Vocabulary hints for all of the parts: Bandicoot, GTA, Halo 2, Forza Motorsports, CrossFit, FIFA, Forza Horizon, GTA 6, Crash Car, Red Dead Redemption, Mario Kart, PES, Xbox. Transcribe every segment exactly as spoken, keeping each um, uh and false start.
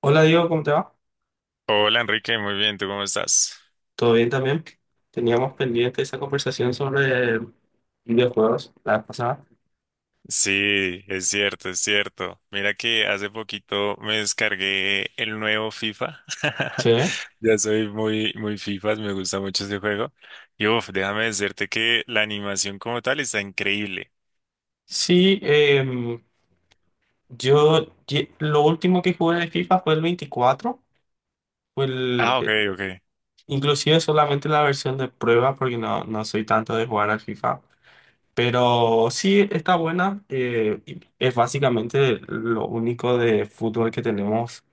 Hola Diego, ¿cómo te va? Hola Enrique, muy bien, ¿tú cómo estás? ¿Todo bien también? Teníamos pendiente esa conversación sobre videojuegos la vez pasada. Sí, es cierto, es cierto. Mira que hace poquito me descargué el nuevo FIFA. Sí. Ya soy muy, muy FIFA, me gusta mucho ese juego. Y uff, déjame decirte que la animación como tal está increíble. Sí, em, yo ye- lo último que jugué de FIFA fue el veinticuatro. fue el, Ah, ok, eh, ok. inclusive solamente la versión de prueba porque no, no soy tanto de jugar al FIFA. Pero sí está buena, eh, y es básicamente lo único de fútbol que tenemos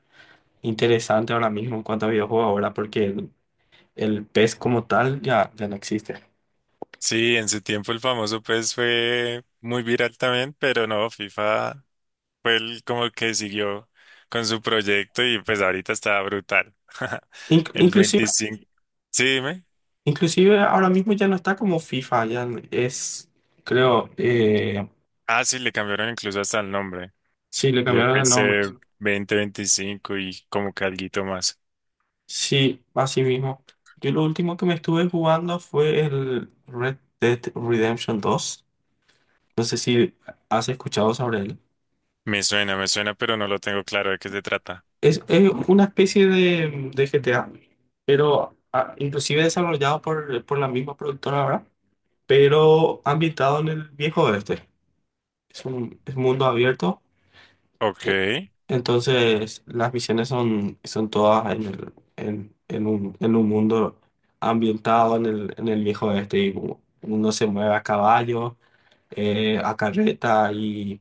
interesante ahora mismo en cuanto a videojuegos ahora porque el P E S como tal ya, ya no existe. Sí, en su tiempo el famoso PES fue muy viral también, pero no, FIFA fue el como que siguió con su proyecto y pues ahorita está brutal. Inc- El inclusive, veinticinco. Sí, dime. inclusive ahora mismo ya no está como FIFA, ya es, creo, eh, Ah, sí, le cambiaron incluso hasta el nombre. sí, le Y F cambiaron el C nombre. veinte veinticinco y como que alguito más. Sí, así mismo. Yo lo último que me estuve jugando fue el Red Dead Redemption dos. No sé si has escuchado sobre él. Me suena, me suena, pero no lo tengo claro de qué se trata. Es, es una especie de, de G T A, pero ah, inclusive desarrollado por, por la misma productora ahora, pero ambientado en el viejo oeste. Es un es mundo abierto. Ok. e- Entonces, las misiones son, son todas en el, en, en un, en un mundo ambientado en el, en el viejo oeste. Y u- uno se mueve a caballo, eh, a carreta y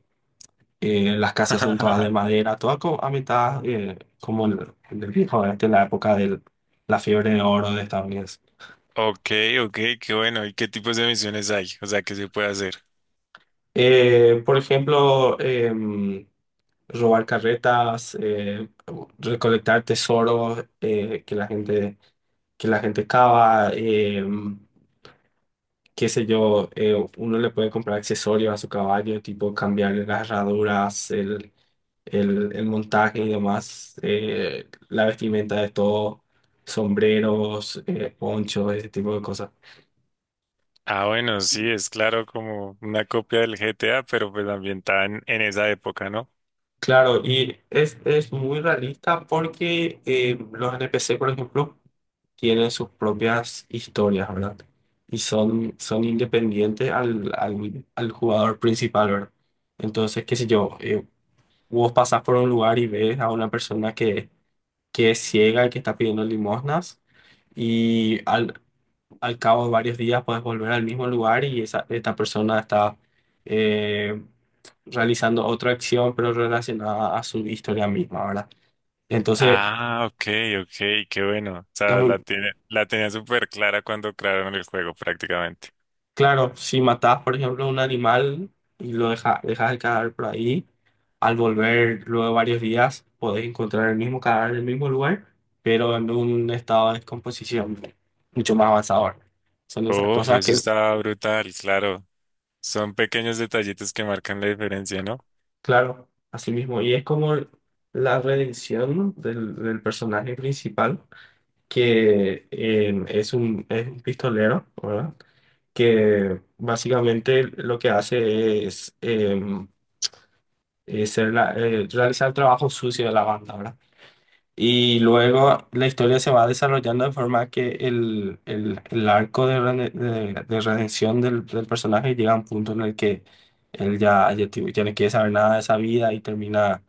eh, las casas son todas de madera, todas co- ambientadas, eh, como en el, en el viejo oeste, en la época de la fiebre de oro de Estados Unidos. Ok, ok, qué bueno. ¿Y qué tipos de misiones hay? O sea, ¿qué se puede hacer? Eh, por ejemplo, em, robar carretas, eh, recolectar tesoros, eh, que la gente, que la gente cava. Em, qué sé yo, eh, uno le puede comprar accesorios a su caballo, tipo cambiarle las herraduras, el, el, el montaje y demás, eh, la vestimenta de todo, sombreros, eh, ponchos, ese tipo de cosas. Ah, bueno, sí, es claro como una copia del G T A, pero pues ambientada en, en esa época, ¿no? Claro, y es, es muy realista porque eh, los N P C, por ejemplo, tienen sus propias historias, ¿verdad? Y son, son independientes al, al, al jugador principal, ¿verdad? Entonces, qué sé yo, eh, vos pasás por un lugar y ves a una persona que, que es ciega y que está pidiendo limosnas, y al, al cabo de varios días puedes volver al mismo lugar y esa, esta persona está eh, realizando otra acción, pero relacionada a su historia misma, ¿verdad? Entonces, Ah, ok, ok, qué bueno. O es sea, muy la tiene, la tenía súper clara cuando crearon el juego prácticamente. claro, si matás, por ejemplo, un animal y lo deja- dejas el cadáver por ahí, al volver luego de varios días, podés encontrar el mismo cadáver en el mismo lugar, pero en un estado de descomposición mucho más avanzador. Son esas Uf, cosas eso que. estaba brutal, claro. Son pequeños detallitos que marcan la diferencia, ¿no? Claro, así mismo. Y es como la redención del, del personaje principal, que eh, es un, es un pistolero, ¿verdad? Que básicamente lo que hace es, eh, es ser la- eh, realizar el trabajo sucio de la banda, ¿verdad? Y luego la historia se va desarrollando de forma que el, el, el arco de, rene- de- de redención del, del personaje llega a un punto en el que él ya, ya, ti- ya no quiere saber nada de esa vida y termina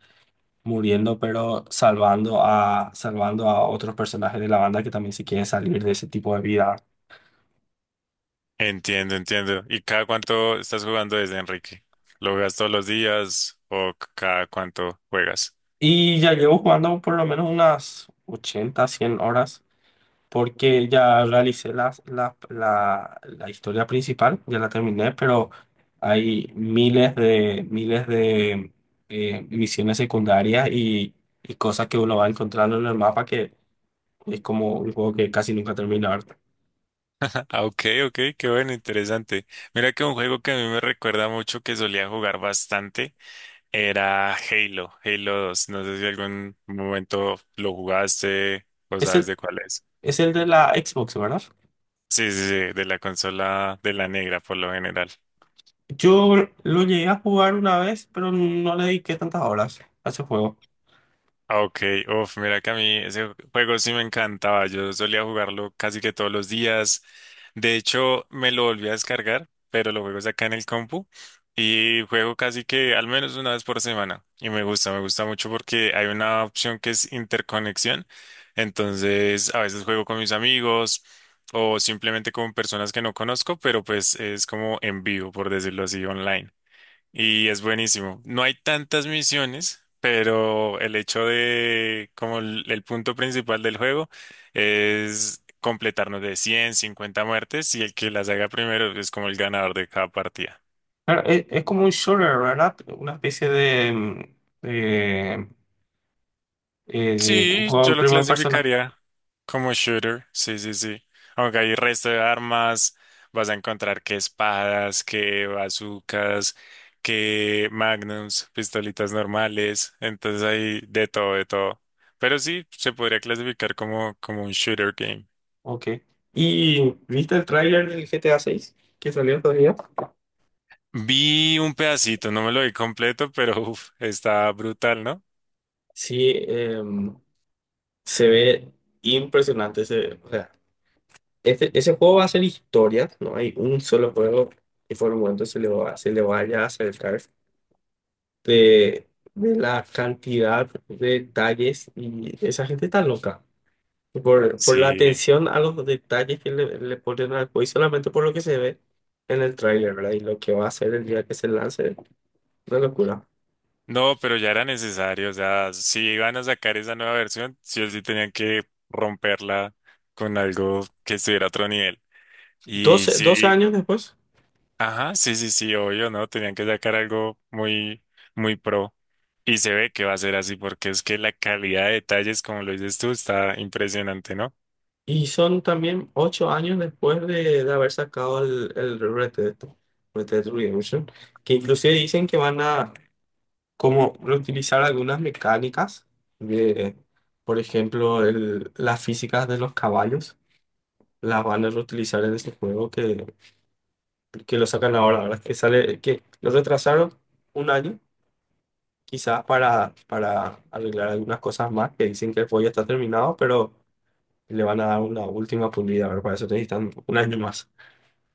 muriendo, pero salvando a, salvando a otros personajes de la banda que también se quieren salir de ese tipo de vida. Entiendo, entiendo. ¿Y cada cuánto estás jugando desde Enrique? ¿Lo juegas todos los días o c- cada cuánto juegas? Y ya llevo jugando por lo menos unas ochenta cien horas, porque ya realicé la, la, la, la historia principal, ya la terminé, pero hay miles de, miles de eh, misiones secundarias y, y cosas que uno va encontrando en el mapa que es como un juego que casi nunca termina, ¿verdad? Ah, ok, ok, qué bueno, interesante. Mira que un juego que a mí me recuerda mucho que solía jugar bastante. Era Halo, Halo dos. No sé si algún momento lo jugaste o Es sabes el, de cuál es. es el de la Xbox, ¿verdad? Sí, sí, sí, de la consola de la negra por lo general. Yo lo llegué a jugar una vez, pero no le dediqué tantas horas a ese juego. Ah, ok, uf, mira que a mí ese juego sí me encantaba. Yo solía jugarlo casi que todos los días. De hecho, me lo volví a descargar, pero lo juego es acá en el compu y juego casi que al menos una vez por semana. Y me gusta, me gusta mucho porque hay una opción que es interconexión. Entonces, a veces juego con mis amigos o simplemente con personas que no conozco, pero pues es como en vivo, por decirlo así, online. Y es buenísimo. No hay tantas misiones, pero el hecho de, como el, el punto principal del juego, es completarnos de cien, cincuenta muertes y el que las haga primero es como el ganador de cada partida. Claro, es, es como un shooter, ¿verdad? Una especie de, mm, de, eh, de un Sí, juego en yo lo primera persona. clasificaría como shooter, sí, sí, sí. Aunque hay resto de armas, vas a encontrar que espadas, que bazucas, que magnums, pistolitas normales, entonces hay de todo, de todo. Pero sí, se podría clasificar como, como un shooter game. Ok. ¿Y viste el tráiler del G T A seis que salió todavía? Vi un pedacito, no me lo vi completo, pero uf, está brutal, ¿no? Sí, em, se ve impresionante. Se- o sea, este, ese juego va a ser historia, no hay un solo juego que por el momento se le va, se le vaya a acercar. de, de la cantidad de detalles y esa gente está loca. Por, por la Sí. atención a los detalles que le, le ponen al juego y solamente por lo que se ve en el tráiler, ¿verdad? Y lo que va a hacer el día que se lance, una locura. No, pero ya era necesario, o sea, si iban a sacar esa nueva versión, sí o sí tenían que romperla con algo que estuviera a otro nivel. Y doce sí, doce años después, ajá, sí, sí, sí, obvio, ¿no? Tenían que sacar algo muy, muy pro. Y se ve que va a ser así, porque es que la calidad de detalles, como lo dices tú, está impresionante, ¿no? y son también ocho años después de, de haber sacado el, el Red Dead, Red Dead Redemption, que inclusive dicen que van a como reutilizar algunas mecánicas de, por ejemplo, el- las físicas de los caballos, las van a reutilizar en ese juego que, que lo sacan ahora, ¿verdad? Que sale, que lo retrasaron un año, quizás para, para arreglar algunas cosas más, que dicen que el juego ya está terminado, pero le van a dar una última pulida, ¿verdad? Para eso necesitan un año más.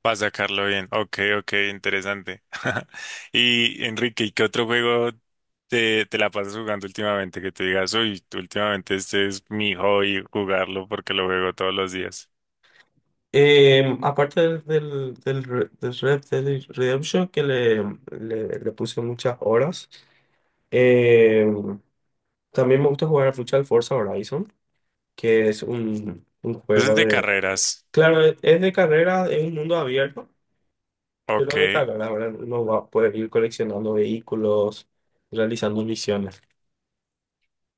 Para sacarlo bien. Ok, ok, interesante. Y Enrique, ¿y qué otro juego te, te la pasas jugando últimamente? Que te digas, uy, últimamente este es mi hobby jugarlo porque lo juego todos los días. Eh, aparte del, del, del, re- del Red Dead Redemption, que le, le, le puse muchas horas. em, También me gusta jugar al futsal Forza Horizon, que es un, un Entonces, juego de de. carreras. Claro, es es de carrera, es un mundo abierto, Ok, pero de carrera, ahora uno va a poder ir coleccionando vehículos, realizando misiones.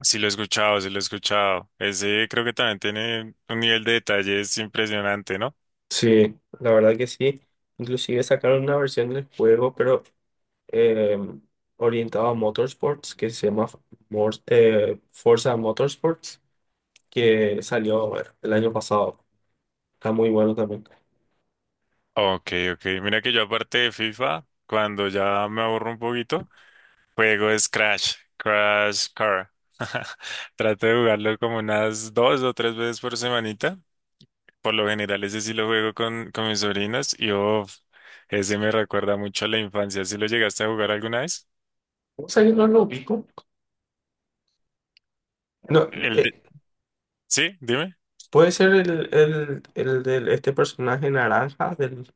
sí lo he escuchado, sí lo he escuchado. Ese creo que también tiene un nivel de detalles impresionante, ¿no? Sí, la verdad que sí. Inclusive sacaron una versión del juego, pero eh, orientado a motorsports, que se llama Mor- eh, Forza Motorsports, que salió el año pasado. Está muy bueno también. Ok, ok. Mira que yo aparte de FIFA, cuando ya me aburro un poquito, juego es Crash, Crash Car. Trato de jugarlo como unas dos o tres veces por semanita. Por lo general, ese sí lo juego con, con mis sobrinos y uf, ese me recuerda mucho a la infancia. ¿Sí lo llegaste a jugar alguna vez? ¿Cómo salió? No lo ubico. No, El de- eh, Sí, dime. puede ser el, el, el de este personaje naranja del.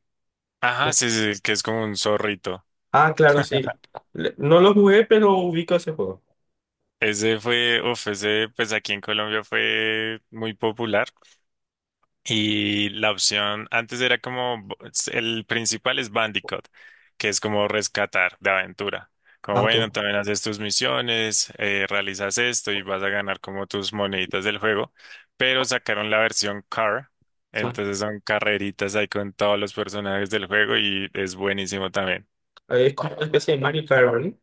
Ajá, No. sí, sí, que es como un zorrito. Ah, claro, sí. Le- No lo jugué, pero ubico ese juego. Ese fue, uf, ese pues aquí en Colombia fue muy popular. Y la opción antes era como el principal es Bandicoot, que es como rescatar de aventura. Como Ah, bueno, ok. también haces tus misiones, eh, realizas esto y vas a ganar como tus moneditas del juego. Pero sacaron la versión Car, Sí. entonces son carreritas ahí con todos los personajes del juego y es buenísimo también. Eh, Es como una especie de Mario Kart, ¿verdad?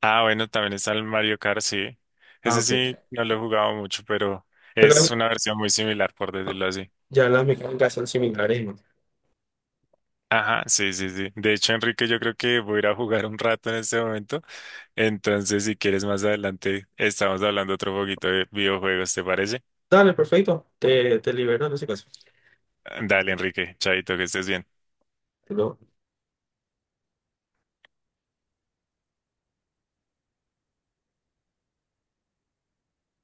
Ah, bueno, también está el Mario Kart, sí. Ah, Ese ok. sí, no lo he jugado mucho, pero Pero es una versión muy similar, por ah, decirlo así. ya las mecánicas son similares, ¿no? Ajá, sí, sí, sí. De hecho, Enrique, yo creo que voy a ir a jugar un rato en este momento. Entonces, si quieres más adelante, estamos hablando otro poquito de videojuegos, ¿te parece? Dale, perfecto. Te, te libero en ese caso. Dale, Enrique, chaito, que estés bien. Te lo-